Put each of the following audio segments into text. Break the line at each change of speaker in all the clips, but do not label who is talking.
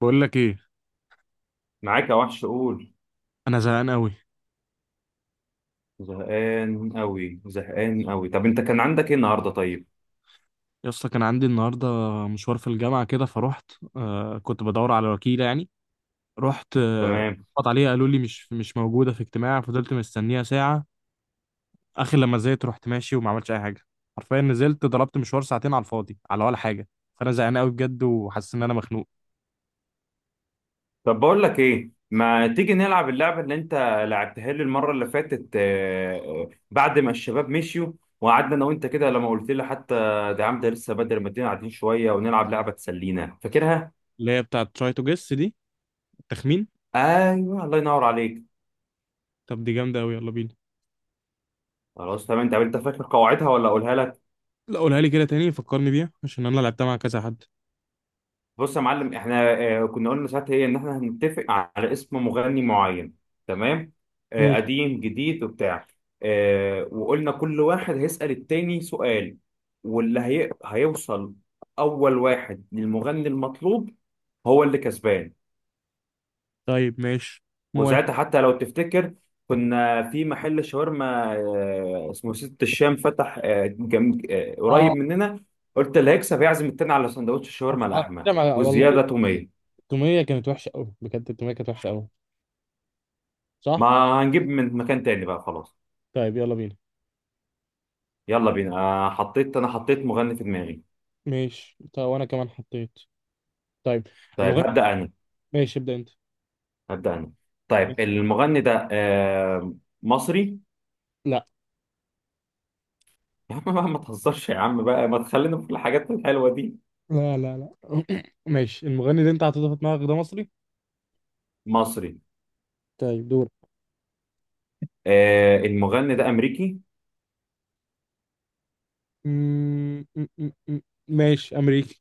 بقول لك ايه؟
معاك يا وحش قول.
انا زهقان قوي
زهقان قوي زهقان قوي، طب انت كان عندك ايه النهارده؟ طيب
يا اسطى. كان عندي النهارده مشوار في الجامعه كده فروحت. كنت بدور على وكيله يعني. رحت،
تمام.
خبط عليها قالوا لي مش موجوده في اجتماع. فضلت مستنيها ساعه، اخر لما نزلت رحت ماشي وما عملتش اي حاجه. حرفيا نزلت ضربت مشوار ساعتين على الفاضي على ولا حاجه. فانا زهقان قوي بجد وحاسس ان انا مخنوق.
طب بقول لك ايه، ما تيجي نلعب اللعبه اللي انت لعبتها لي المره اللي فاتت بعد ما الشباب مشيوا وقعدنا انا وانت كده، لما قلت لي حتى ده يا عم ده لسه بدري، ما تدينا قاعدين شويه ونلعب لعبه تسلينا، فاكرها؟
اللي هي بتاعه تراي تو جيس دي، التخمين.
ايوه الله ينور عليك.
طب دي جامده قوي، يلا بينا.
خلاص تمام، طب انت فاكر قواعدها ولا اقولها لك؟
لا، قولها لي كده تاني فكرني بيها عشان انا لعبتها مع كذا حد.
بص يا معلم، احنا كنا قلنا ساعتها ايه، ان احنا هنتفق على اسم مغني معين، تمام،
ماشي.
قديم جديد وبتاع، وقلنا كل واحد هيسأل التاني سؤال، هيوصل اول واحد للمغني المطلوب هو اللي كسبان.
طيب ماشي، موافق.
وساعتها حتى لو تفتكر كنا في محل شاورما اسمه ست الشام، فتح آه، جم... آه، قريب
اه،
مننا، قلت اللي هيكسب هيعزم التاني على سندوتش الشاورما
على
لحمة
فكرة، والله
وزيادة تومية.
التومية كانت وحشة أوي بجد. التومية كانت وحشة أوي، صح؟
ما هنجيب من مكان تاني بقى خلاص.
طيب يلا بينا.
يلا بينا، آه حطيت، انا حطيت مغني في دماغي.
ماشي، طيب وأنا كمان حطيت. طيب
طيب
المغني.
هبدأ انا.
ماشي ابدأ أنت.
هبدأ انا. طيب المغني ده آه مصري.
لا
يا عم بقى ما تهزرش، يا عم بقى ما تخلينا في الحاجات الحلوة دي.
لا لا لا. ماشي، المغني اللي أنت حطيته في دماغك ده مصري؟
مصري.
طيب دور.
آه المغني ده امريكي.
م- م- م- م- ماشي أمريكي.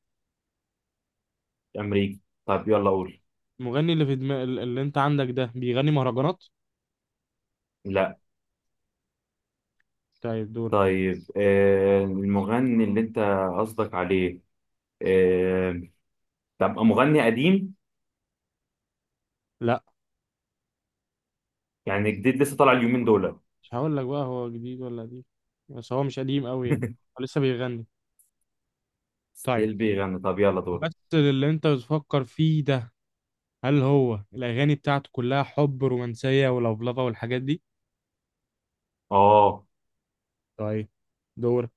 امريكي. طيب يلا قول.
المغني اللي في دماغ اللي أنت عندك ده بيغني مهرجانات؟
لا.
طيب دور.
طيب آه المغني اللي انت قصدك عليه، آه. طب مغني قديم؟
لا،
يعني جديد لسه طالع اليومين دول؟
مش هقول لك بقى هو جديد ولا قديم، بس هو مش قديم أوي يعني. هو لسه بيغني. طيب،
ستيل بيغني؟ طب يلا دول.
بس اللي أنت بتفكر فيه ده، هل هو الأغاني بتاعته كلها حب رومانسية ولفلفة والحاجات دي؟
اه.
طيب دورك.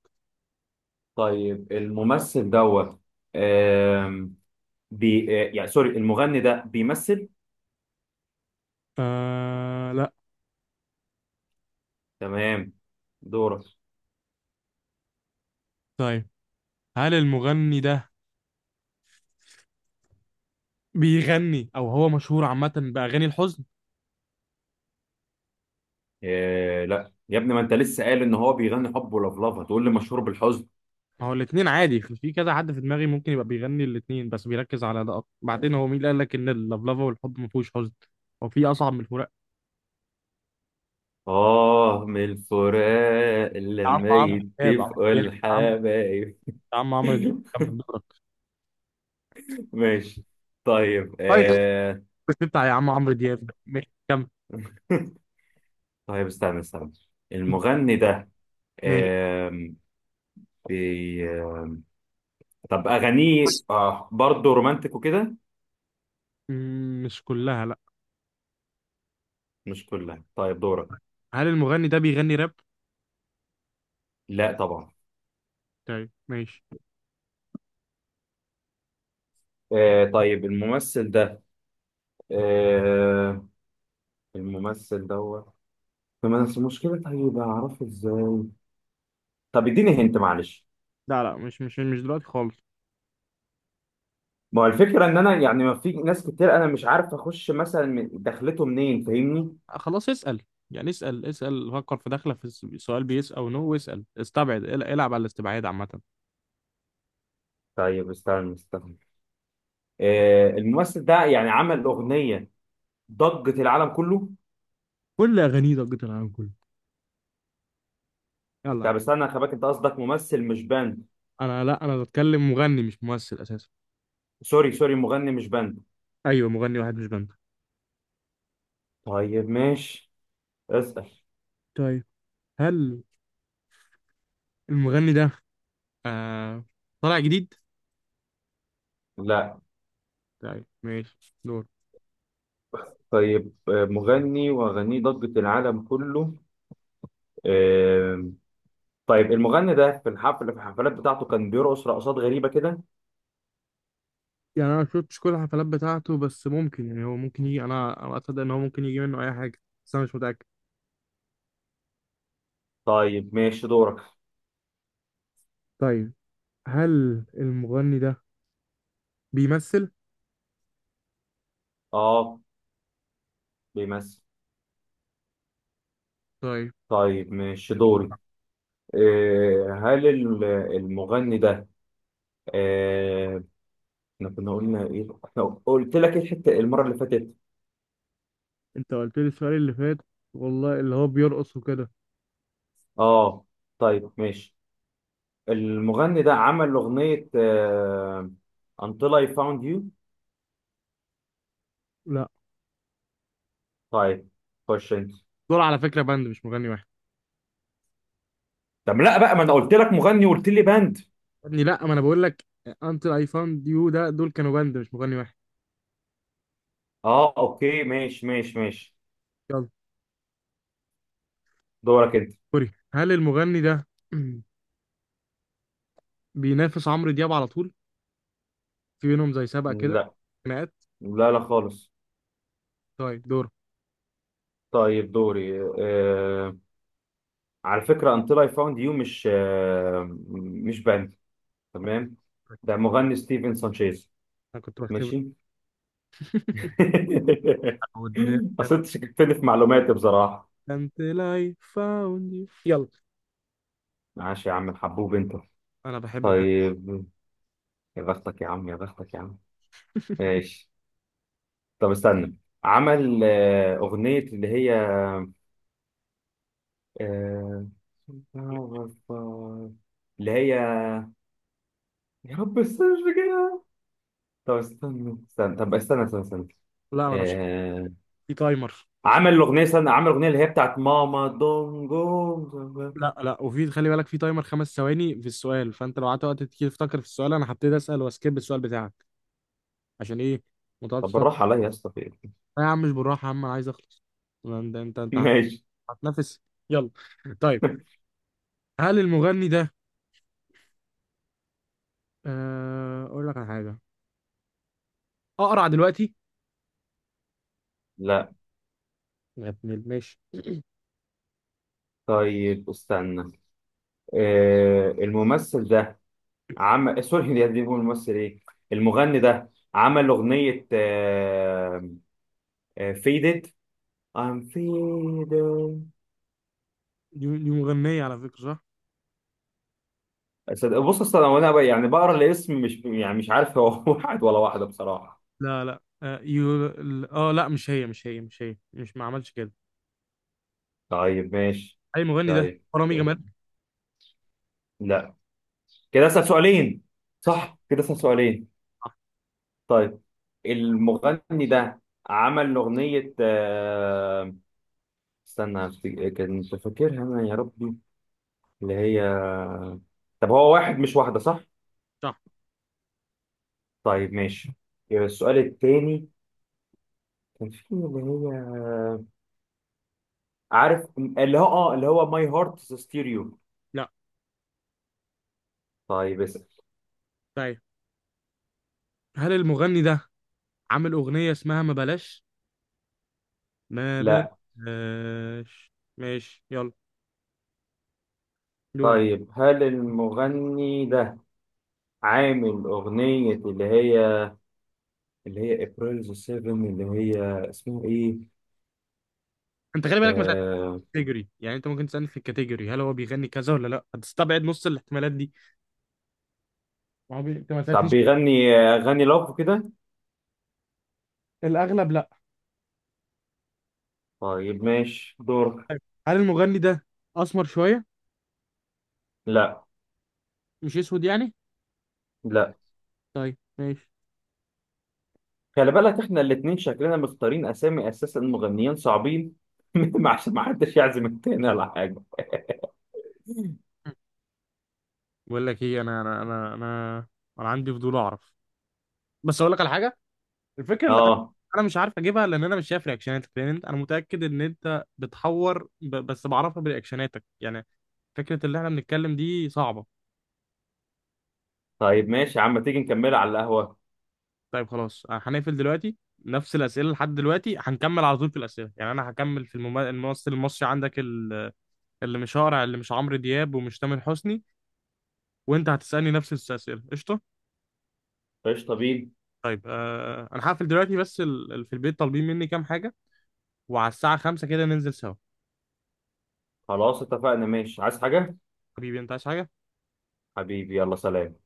طيب الممثل دوت، آم، بي يعني سوري، المغني ده بيمثل؟
آه لا.
تمام. دورك.
طيب هل المغني ده بيغني أو هو مشهور عامة بأغاني الحزن؟
آه لا يا ابني، ما انت لسه قال ان هو بيغني حب ولفلفه، تقول لي مشهور بالحزن؟
ما هو الاتنين عادي، في كذا حد في دماغي ممكن يبقى بيغني الاتنين بس بيركز على ده أكتر. بعدين هو مين اللي قال لك إن اللفلفة والحب ما فيهوش حزن؟ هو في أصعب من الفراق؟
اه، من الفراق
يا عم
لما
عمرو دياب يا
يتفقوا
عم.
الحبايب.
يا عم عمرو دياب كمل دورك.
ماشي. طيب
طيب،
آه.
بس بتاع يا عم عمرو دياب، ماشي كمل.
طيب استنى، المغني ده
ماشي.
آم، بي... طب اغانيه برضه رومانتك وكده؟
مش كلها لا.
مش كلها، طيب دورك.
هل المغني ده بيغني راب؟
لا طبعا.
طيب ماشي.
آه طيب الممثل ده آه الممثل دوت، فما بس المشكلة طيب أعرفه إزاي؟ طب اديني هنت معلش.
لا لا، مش دلوقتي خالص.
ما هو الفكرة إن أنا يعني ما في ناس كتير، أنا مش عارف أخش مثلا دخلته منين، فاهمني؟
خلاص اسأل. يعني اسأل اسأل، فكر في داخلة في سؤال بيس أو نو واسأل، استبعد العب على الاستبعاد عامة.
طيب استنى، آه الممثل ده يعني عمل أغنية ضجة العالم كله؟
كل أغانيه ضجة العالم كله، يلا.
طب استنى يا خباك، أنت قصدك ممثل مش باند؟
أنا لا، أنا بتكلم مغني مش ممثل أساسا.
سوري سوري، مغني مش باند.
أيوه مغني واحد مش بند.
طيب ماشي اسأل.
طيب هل المغني ده آه طالع جديد؟
لا.
طيب ماشي دور.
طيب مغني واغانيه ضجة العالم كله، آه، طيب المغني ده في الحفلات بتاعته كان بيرقص رقصات غريبة كده؟
يعني أنا مشفتش كل الحفلات بتاعته بس ممكن، يعني هو ممكن يجي، أنا أصدق إن هو ممكن يجي منه أي حاجة، بس أنا مش متأكد.
طيب ماشي دورك.
طيب هل المغني ده بيمثل؟
اه بيمثل.
طيب،
طيب ماشي دوري. آه، هل ال- المغني ده آه، احنا كنا قلنا ايه، احنا قلت لك إيه الحتة المرة اللي فاتت؟
انت قلت لي السؤال اللي فات والله، اللي هو بيرقص وكده.
اه. طيب ماشي، المغني ده عمل أغنية Until I Found You؟
لا
طيب خش انت.
دول على فكرة باند مش مغني واحد.
طب لا بقى، ما انا قلت لك مغني وقلت لي باند.
يا ابني لا، ما انا بقول لك Until I Found You ده دول كانوا باند مش مغني واحد.
اه اوكي ماشي.
يلا.
دورك انت.
سوري، هل المغني ده بينافس عمرو دياب على طول؟ في بينهم زي سبق كده،
لا
خناقات؟
لا لا خالص.
طيب دور.
طيب دوري آه، على فكرة Until I Found You مش مش باند، تمام، ده مغني ستيفن سانشيز.
انا كنت بختبر.
ماشي.
I would
اصل
never.
انت شككتني في معلوماتي بصراحة.
until I found you، يلا.
ماشي يا عم الحبوب انت.
انا بحب فعلا.
طيب يا بختك يا عم يا بختك يا عم، ماشي. طب استنى، عمل أغنية اللي هي، آه، اللي هي، يا رب استنى كده. طب استنى.
لا انا مش
آه...
في تايمر.
عمل الأغنية، استنى، عمل الأغنية اللي هي بتاعت ماما دونجو.
لا لا، وفي خلي بالك في تايمر 5 ثواني في السؤال. فانت لو قعدت وقت كتير تفكر في السؤال انا هبتدي اسال واسكيب السؤال بتاعك. عشان ايه؟ ما
طب
تقعدش تفكر.
بالراحة عليا يا اسطى، في إيه؟
لا يا عم مش بالراحه يا عم، انا عايز اخلص. ما انت انت انت
ماشي.
هتنافس، يلا. طيب هل المغني ده، اقول لك على حاجه، اقرع دلوقتي؟
لا.
يا ابن ماشي.
طيب استنى، الممثل ده عمل سوري يا دي بقول الممثل ايه، المغني ده عمل أغنية فيدت، I'm faded.
دي مغنيه على فكره صح؟
بص، اصل انا وانا يعني بقرا الاسم، مش يعني مش عارف هو واحد ولا واحده بصراحه.
لا لا اه، يو... ال- آه، لا مش هي مش ما عملش كده.
طيب ماشي.
هل المغني ده
طيب
رامي جمال؟
لا، كده اسال سؤالين،
صح
صح؟ كده اسال سؤالين.
صح
طيب المغني ده عمل اغنيه استنى كنت فاكرها انا، يا ربي اللي هي. طب هو واحد مش واحده صح؟
صح.
طيب ماشي. السؤال التاني كان في اللي هي عارف اللي هو اه اللي هو ماي هارت ستيريو؟
لا،
طيب اسال.
طيب هل المغني ده عامل اغنيه اسمها ما بلاش؟ ما
لا.
بلاش. ماشي يلا دوره.
طيب هل المغني ده عامل أغنية اللي هي ابريل 7 اللي هي اسمها ايه؟
انت خلي بالك مثلا
آه...
كاتيجوري، يعني انت ممكن تسالني في الكاتيجوري هل هو بيغني كذا ولا لا، هتستبعد نص الاحتمالات دي. ما هو انت ما
طب
سالتنيش.
بيغني أغاني لاف كده؟
الاغلب لا.
طيب ماشي دور.
طيب، هل المغني ده اسمر شويه؟
لا
مش اسود يعني.
لا.
طيب ماشي.
خلي بالك احنا الاتنين شكلنا مختارين أسامي أساسا مغنيين صعبين. عشان ما حدش يعزم التاني ولا حاجة.
بقول لك ايه، انا انا عندي فضول اعرف. بس اقول لك على حاجه، الفكره اللي انا،
اه.
أنا مش عارف اجيبها لان انا مش شايف رياكشناتك لان انت، انا متاكد ان انت بتحور بس بعرفها برياكشناتك يعني. فكرة اللي احنا بنتكلم دي صعبة.
طيب ماشي يا عم، تيجي نكملها على القهوة؟
طيب خلاص، هنقفل دلوقتي. نفس الأسئلة لحد دلوقتي هنكمل على طول في الأسئلة، يعني أنا هكمل في الممثل، الممثل المصري عندك اللي مش هقرع اللي مش عمرو دياب ومش تامر حسني. وأنت هتسألني نفس الأسئلة، قشطة.
قشطة بينا.
طيب أنا هقفل دلوقتي بس في البيت طالبين مني كام حاجة، وعلى الساعة 5 كده ننزل سوا.
خلاص اتفقنا، ماشي. عايز حاجة؟
حبيبي أنت عايز حاجة؟
حبيبي يلا سلام.